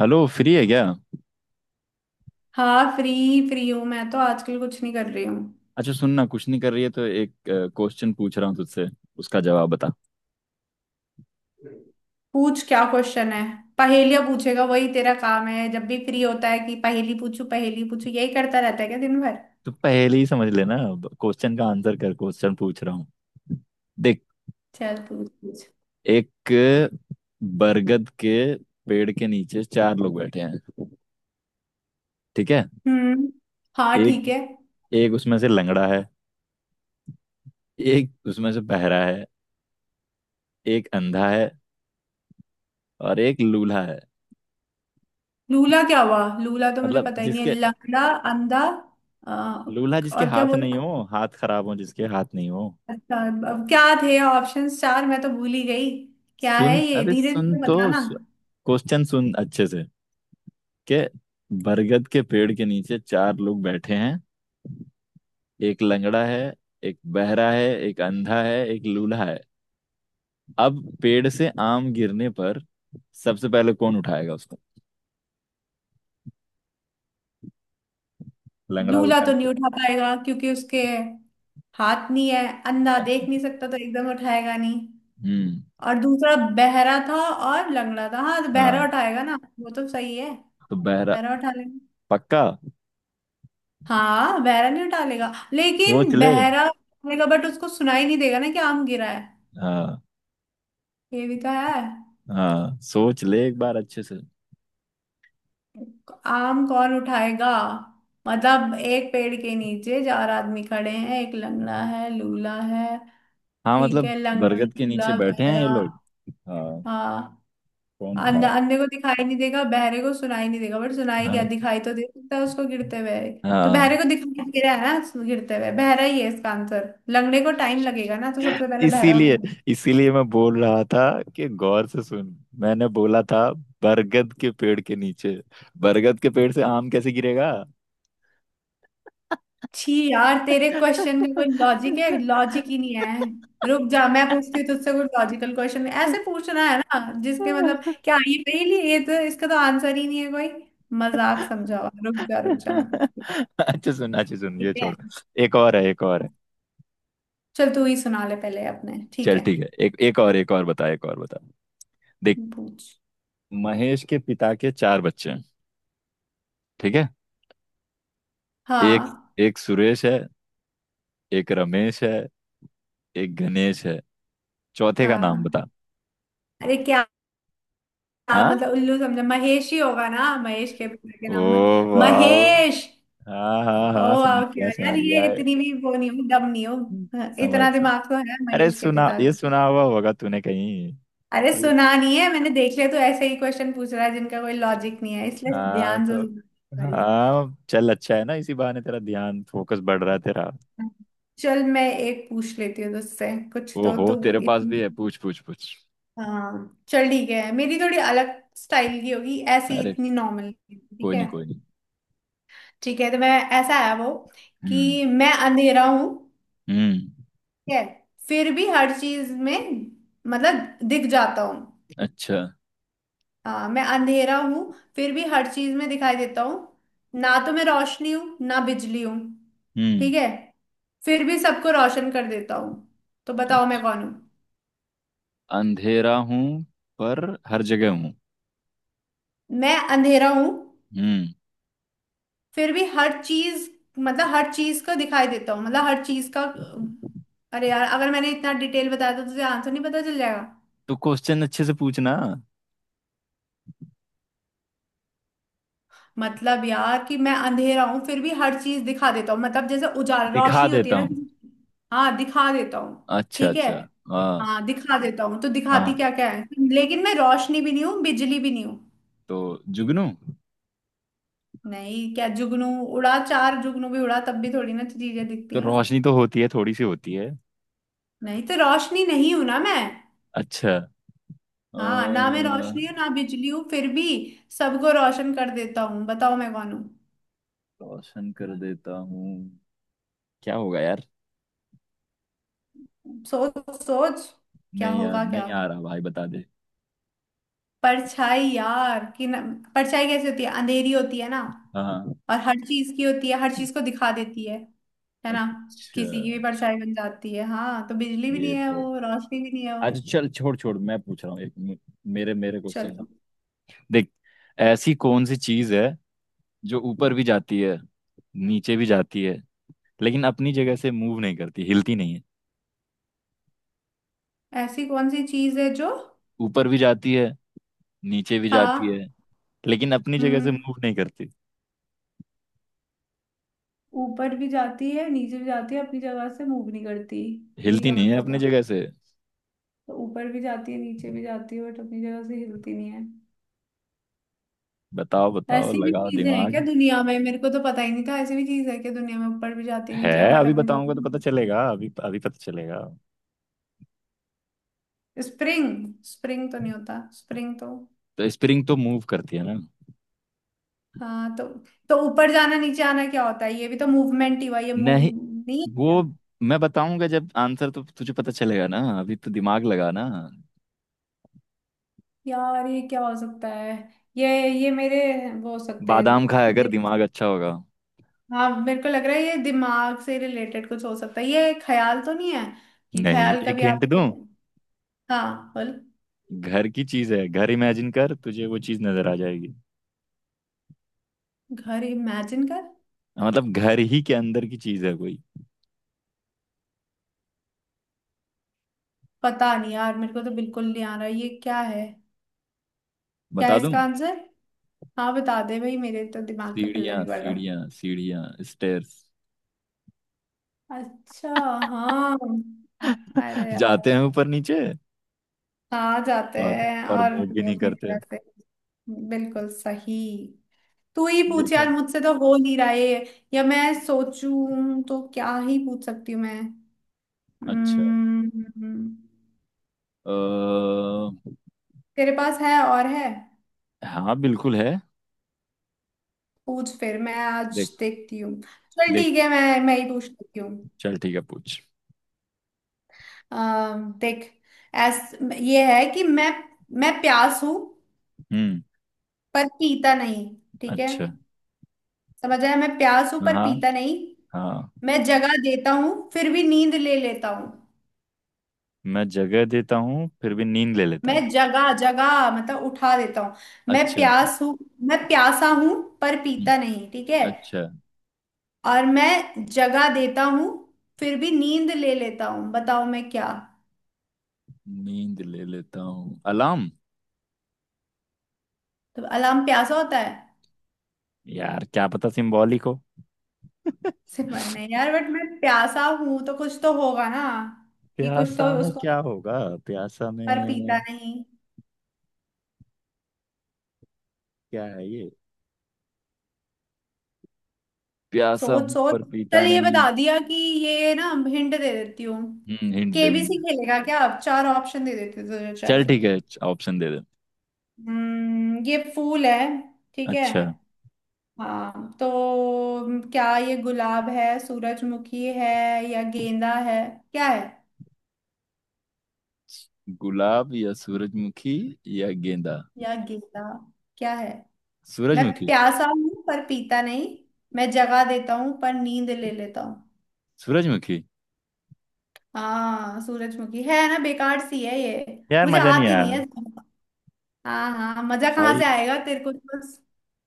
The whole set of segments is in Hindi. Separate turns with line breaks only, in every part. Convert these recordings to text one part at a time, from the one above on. हेलो, फ्री है क्या।
हाँ फ्री। फ्री हूँ, मैं तो आजकल कुछ नहीं कर रही हूँ।
अच्छा, सुनना कुछ नहीं कर रही है तो एक क्वेश्चन पूछ रहा हूँ तुझसे, उसका जवाब बता।
पूछ, क्या क्वेश्चन है। पहेलियाँ पूछेगा, वही तेरा काम है। जब भी फ्री होता है कि पहेली पूछू पहेली पूछू, यही करता रहता है क्या दिन भर।
तो पहले ही समझ लेना, क्वेश्चन का आंसर कर, क्वेश्चन पूछ रहा हूँ। देख,
चल पूछ पूछ।
एक बरगद के पेड़ के नीचे चार लोग बैठे हैं, ठीक है।
हम्म। हाँ
एक
ठीक है।
एक उसमें से लंगड़ा है, एक उसमें से बहरा है, एक अंधा है, और एक लूल्हा है।
लूला क्या हुआ? लूला तो मुझे
मतलब
पता ही नहीं है।
जिसके,
लंगड़ा, अंधा, अ,
लूल्हा जिसके
और क्या
हाथ नहीं
बोला।
हो, हाथ खराब हो, जिसके हाथ नहीं हो।
अच्छा। अब क्या थे ऑप्शंस चार, मैं तो भूल ही गई। क्या
सुन
है ये,
अबे,
धीरे
सुन
धीरे
तो,
बताना।
क्वेश्चन सुन अच्छे से। के बरगद के पेड़ के नीचे चार लोग बैठे हैं, एक लंगड़ा है, एक बहरा है, एक अंधा है, एक लूला है। अब पेड़ से आम गिरने पर सबसे पहले कौन उठाएगा उसको? लंगड़ा
लूला
उठाएगा?
तो नहीं उठा पाएगा, क्योंकि उसके हाथ नहीं है। अंधा देख
अच्छा।
नहीं सकता, तो एकदम उठाएगा नहीं।
हम्म।
और दूसरा बहरा था और लंगड़ा था। हाँ, तो बहरा
हाँ,
उठाएगा ना, वो तो सही है।
तो बहरा।
बहरा उठा लेगा।
पक्का?
हाँ बहरा नहीं उठा लेगा,
सोच
लेकिन
ले।
बहरा उठाएगा बट उसको सुनाई नहीं देगा ना कि आम गिरा है।
हाँ।
ये भी तो है।
हाँ, सोच ले एक बार अच्छे से।
आम कौन उठाएगा? मतलब एक पेड़ के नीचे चार आदमी खड़े हैं, एक लंगड़ा है, लूला है।
हाँ,
ठीक
मतलब
है, लंगड़ा
बरगद के नीचे
लूला
बैठे हैं ये
बहरा।
लोग, हाँ।
हाँ।
कौन
अंधा,
उठाएगा?
अंधे को दिखाई नहीं देगा, बहरे को सुनाई नहीं देगा बट सुनाई क्या,
हाँ।
दिखाई तो दे सकता है उसको गिरते हुए। तो बहरे
हाँ।
को दिखाई दे रहा है ना गिरते हुए, बहरा ही है इसका आंसर। लगने को टाइम लगेगा ना, तो सबसे पहले बहरा
इसीलिए
उठाना।
इसीलिए मैं बोल रहा था कि गौर से सुन। मैंने बोला था बरगद के पेड़ के नीचे, बरगद के पेड़ से आम कैसे गिरेगा।
छी यार, तेरे क्वेश्चन का कोई लॉजिक है? लॉजिक ही नहीं है। रुक जा, मैं पूछती हूँ तुझसे। कोई लॉजिकल क्वेश्चन ऐसे पूछना है ना, जिसके मतलब, क्या ये पहेली है? ये तो इसका तो आंसर ही नहीं है कोई। मजाक समझा हुआ। रुक जा, मैं पूछती हूँ।
अच्छा सुन, अच्छा सुन,
ठीक
ये
है।
छोड़। एक और है, एक और है।
चल तू ही सुना ले पहले अपने, ठीक
चल
है।
ठीक है, एक एक और, एक और बता, एक और बता। देख,
पूछ।
महेश के पिता के चार बच्चे हैं, ठीक है। एक,
हाँ।
एक सुरेश है, एक रमेश है, एक गणेश है, चौथे का नाम
हाँ,
बता।
अरे क्या।
हाँ।
मतलब उल्लू समझा, महेश ही होगा ना, महेश के पिता के
ओ
नाम।
वाह।
महेश।
हाँ हाँ
ओ
हाँ, समझ
वाह,
गया,
क्या यार,
समझ
ये
गया,
इतनी भी वो नहीं हो, दम नहीं हो। हाँ,
समझ।
इतना दिमाग तो है
अरे
महेश के
सुना,
पिता
ये
का।
सुना हुआ होगा तूने कहीं।
अरे
तो,
सुना नहीं है मैंने, देख लिया तो ऐसे ही क्वेश्चन पूछ रहा है जिनका कोई लॉजिक नहीं है, इसलिए
हाँ
ध्यान से
तो,
सुनना पड़ेगा।
हाँ चल अच्छा है ना, इसी बहाने तेरा ध्यान फोकस बढ़ रहा है तेरा।
चल मैं एक पूछ लेती हूँ तुझसे, कुछ तो
ओहो,
तू
तेरे पास भी
इतनी।
है? पूछ पूछ पूछ।
हाँ चल ठीक है, मेरी थोड़ी अलग स्टाइल की होगी ऐसी,
अरे
इतनी नॉर्मल
कोई
ठीक है।
नहीं, कोई नहीं।
ठीक है तो मैं, ऐसा है वो कि
हम्म।
मैं अंधेरा हूं,
हम्म।
ठीक है, फिर भी हर चीज में मतलब दिख जाता हूँ।
अच्छा।
हाँ, मैं अंधेरा हूँ, फिर भी हर चीज में दिखाई देता हूँ। ना तो मैं रोशनी हूँ ना बिजली हूँ,
हम्म।
ठीक है, फिर भी सबको रोशन कर देता हूँ, तो बताओ मैं
अच्छा,
कौन हूँ।
अंधेरा हूँ पर हर जगह हूँ।
मैं अंधेरा हूँ,
हम्म।
फिर भी हर चीज मतलब हर चीज का दिखाई देता हूँ, मतलब हर चीज का। अरे यार, अगर मैंने इतना डिटेल बताया था तो तुझे आंसर नहीं पता चल जाएगा?
तो क्वेश्चन अच्छे से पूछना।
मतलब यार, कि मैं अंधेरा हूं फिर भी हर चीज दिखा देता हूँ, मतलब जैसे उजाला
दिखा
रोशनी होती है
देता
ना
हूँ।
किसी की, हाँ दिखा देता हूँ।
अच्छा
ठीक है।
अच्छा। हाँ।
हाँ दिखा देता हूँ, तो दिखाती
हाँ,
क्या क्या है। लेकिन मैं रोशनी भी नहीं हूँ, बिजली भी नहीं हूँ।
तो जुगनू?
नहीं, क्या जुगनू। उड़ा, चार जुगनू भी उड़ा तब भी थोड़ी ना चीजें दिखती
तो
हैं।
रोशनी तो होती है, थोड़ी सी होती है।
नहीं, तो रोशनी नहीं हूं ना मैं।
अच्छा। अ,
हाँ, ना मैं रोशनी हूँ ना बिजली हूँ, फिर भी सबको रोशन कर देता हूँ, बताओ मैं कौन हूँ।
रोशन कर देता हूँ, क्या होगा यार।
सोच सोच। क्या
नहीं यार,
होगा क्या।
नहीं आ रहा भाई, बता दे।
परछाई यार कि न, परछाई कैसी होती है, अंधेरी होती है ना।
हाँ। हाँ।
और हर चीज की होती है, हर चीज को दिखा देती है ना।
अच्छा।
किसी की भी परछाई बन जाती है। हाँ, तो बिजली भी
ये
नहीं है
तो,
वो, रोशनी भी नहीं है वो।
अच्छा चल, छोड़ छोड़। मैं पूछ रहा हूँ एक मे- मेरे मेरे क्वेश्चन का।
चलो।
देख, ऐसी कौन सी चीज है जो ऊपर भी जाती है, नीचे भी जाती है, लेकिन अपनी जगह से मूव नहीं करती, हिलती नहीं है।
ऐसी कौन सी चीज है जो,
ऊपर भी जाती है, नीचे भी जाती
हाँ,
है, लेकिन अपनी जगह से
हम्म,
मूव नहीं करती,
ऊपर भी जाती है नीचे भी जाती है अपनी जगह से मूव नहीं करती। ये
हिलती
क्या
नहीं है
मतलब
अपने
हुआ।
जगह से।
तो ऊपर भी जाती है नीचे भी जाती है बट अपनी जगह से हिलती नहीं है।
बताओ, बताओ,
ऐसी भी
लगाओ
चीजें हैं क्या
दिमाग।
दुनिया में, मेरे को तो पता ही नहीं था ऐसी भी चीज है क्या दुनिया में, ऊपर भी जाती
है,
नीचे बट
अभी
अपने
बताऊंगा तो पता
जाती।
चलेगा, अभी अभी पता चलेगा।
स्प्रिंग, स्प्रिंग तो नहीं होता, स्प्रिंग तो।
तो स्प्रिंग तो मूव करती है ना।
हाँ तो ऊपर जाना नीचे आना क्या होता है, ये भी तो मूवमेंट ही हुआ, ये मूव
नहीं।
नहीं है
वो,
क्या?
मैं बताऊंगा जब आंसर तो तुझे पता चलेगा ना, अभी तो दिमाग लगा ना।
यार ये क्या हो सकता है, ये ये मेरे, वो हो सकते हैं।
बादाम खाया कर,
दिम-
दिमाग अच्छा होगा।
हाँ मेरे को लग रहा है ये दिमाग से रिलेटेड कुछ हो सकता है, ये ख्याल तो नहीं है, कि
नहीं,
ख्याल
एक
कभी
हिंट
आप।
दूं।
हाँ बोल।
घर की चीज है, घर इमेजिन कर, तुझे वो चीज नजर आ जाएगी।
घर इमेजिन कर।
मतलब घर ही के अंदर की चीज है कोई।
पता नहीं यार, मेरे को तो बिल्कुल नहीं आ रहा ये क्या है। क्या है
बता दूं?
इसका आंसर। हाँ बता दे भाई, मेरे तो दिमाग के पल्ले
सीढ़ियां,
नहीं पड़ रहा।
सीढ़ियां, सीढ़ियां। स्टेयर्स।
अच्छा। हाँ। अरे यार,
जाते हैं ऊपर नीचे,
हाँ जाते
और
हैं।
और
और
मूव भी
वो
नहीं
अपनी
करते।
तरह से, बिल्कुल सही। तू ही पूछ
देखा
यार,
है?
मुझसे तो हो नहीं रहा है। या मैं सोचूं तो क्या ही पूछ सकती हूँ मैं।
अच्छा।
हम्म।
अ,
तेरे पास है और है।
हाँ बिल्कुल है।
पूछ फिर, मैं आज
देख,
देखती हूँ। चल
देख,
ठीक है, मैं ही पूछ लेती हूँ।
चल ठीक है पूछ।
देख। ऐस, ये है कि मैं प्यास हूं
हम्म।
पर पीता नहीं, ठीक है।
अच्छा।
समझ आया, मैं प्यास हूं पर
हाँ।
पीता नहीं।
हाँ,
मैं जगा देता हूँ फिर भी नींद ले लेता हूँ।
मैं जगह देता हूँ फिर भी नींद ले लेता हूँ।
मैं जगा जगा, मतलब उठा देता हूँ। मैं
अच्छा।
प्यास हूँ, मैं प्यासा हूं पर
हम्म,
पीता नहीं, ठीक है।
अच्छा।
और मैं जगा देता हूँ फिर भी नींद ले लेता हूँ, बताओ मैं क्या।
नींद ले लेता हूँ, अलार्म।
तो अलार्म प्यासा होता है
यार क्या पता सिंबॉलिक हो।
से बनने यार, बट मैं प्यासा हूं तो कुछ तो होगा ना, कि कुछ तो
प्यासा में
उसको,
क्या होगा, प्यासा
पर पीता
में।
नहीं।
क्या है ये, प्यासा
सोच
हूं
सोच।
पर पीता
चल ये
नहीं।
बता दिया, कि ये ना हिंट दे देती हूँ।
हम्म, हिंट दे
केबीसी
हिंट।
खेलेगा क्या, अब चार ऑप्शन दे देते तुझे, चल।
चल ठीक है, ऑप्शन दे दे।
हम्म, ये फूल है, ठीक है।
अच्छा।
हाँ तो, क्या ये गुलाब है, सूरजमुखी है, या गेंदा है, क्या है।
गुलाब या सूरजमुखी, या गेंदा।
या गेंदा, क्या है। मैं
सूरजमुखी।
प्यासा हूँ पर पीता नहीं, मैं जगा देता हूँ पर नींद ले लेता हूँ।
सूरजमुखी।
हाँ सूरजमुखी है ना, बेकार सी है ये,
यार
मुझे
मजा नहीं
आती
आया
नहीं है ज्यादा। हाँ हाँ, मजा कहाँ
भाई।
से आएगा तेरे को तो बस।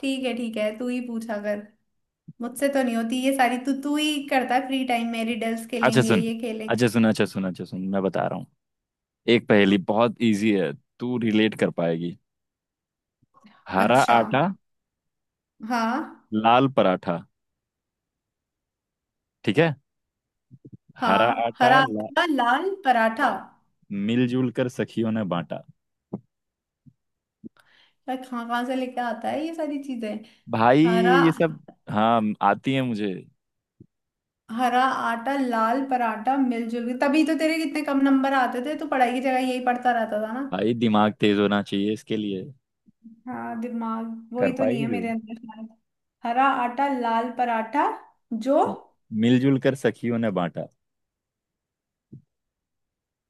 ठीक है ठीक है, तू ही पूछा कर। मुझसे तो नहीं होती ये सारी, तू तू ही करता है फ्री टाइम में, रिडल्स
अच्छा
खेलेंगे
सुन,
ये खेलेंगे।
अच्छा सुन, अच्छा सुन, अच्छा सुन, मैं बता रहा हूँ, एक पहेली बहुत इजी है, तू रिलेट कर पाएगी। हरा
अच्छा।
आटा
हाँ।
लाल पराठा, ठीक है। हरा
हाँ
आटा
हरा
ला,
आटा लाल पराठा।
मिलजुल कर सखियों ने बांटा।
पर कहाँ कहाँ से लेके आता है ये सारी चीजें।
भाई,
हरा,
ये सब, हाँ आती है मुझे।
हरा आटा लाल पराठा मिलजुल के, तभी तो तेरे कितने कम नंबर आते थे, तो पढ़ाई की जगह यही पढ़ता रहता था ना।
भाई दिमाग तेज होना चाहिए इसके लिए।
हाँ दिमाग,
कर
वही तो नहीं
पाएगी
है
तू?
मेरे अंदर शायद। हरा आटा लाल पराठा, जो,
मिलजुल कर सखियों ने बांटा।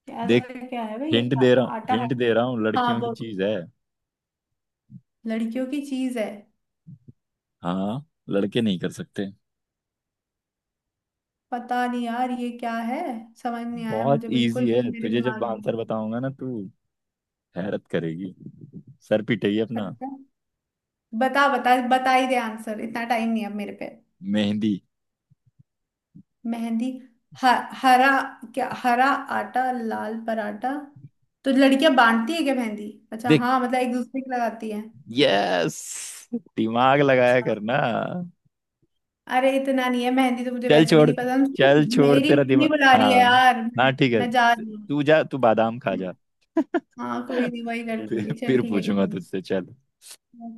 क्या,
देख,
क्या है भाई।
हिंट दे रहा हूँ,
आटा
हिंट
हरा।
दे रहा हूँ,
हाँ
लड़कियों की
वो,
चीज है।
लड़कियों की चीज है।
हाँ, लड़के नहीं कर सकते।
पता नहीं यार ये क्या है, समझ नहीं आया
बहुत
मुझे बिल्कुल
इजी
भी,
है,
मेरे
तुझे जब
दिमाग
आंसर
में।
बताऊंगा ना, तू हैरत करेगी, सर पिटाइए अपना।
अच्छा। बता बता, बता ही दे आंसर, इतना टाइम नहीं है अब मेरे पे।
मेहंदी।
मेहंदी। ह, हरा, क्या हरा आटा लाल पराठा, तो लड़कियां बांटती है क्या मेहंदी, अच्छा
देख,
हाँ, मतलब एक दूसरे की लगाती है।
यस, दिमाग लगाया
अच्छा।
करना।
अरे इतना नहीं है, मेहंदी तो मुझे
चल
वैसे भी
छोड़,
नहीं पसंद।
चल छोड़
मेरी
तेरा
मम्मी
दिमाग।
बुला
हाँ।
रही है यार,
हाँ
मैं
ठीक है,
मैं जा रही हूँ।
तू जा, तू बादाम खा जा।
हाँ कोई नहीं, वही कर
फिर
लूंगी। चल
फिर
ठीक है, ठीक
पूछूंगा तुझसे, चल।
है।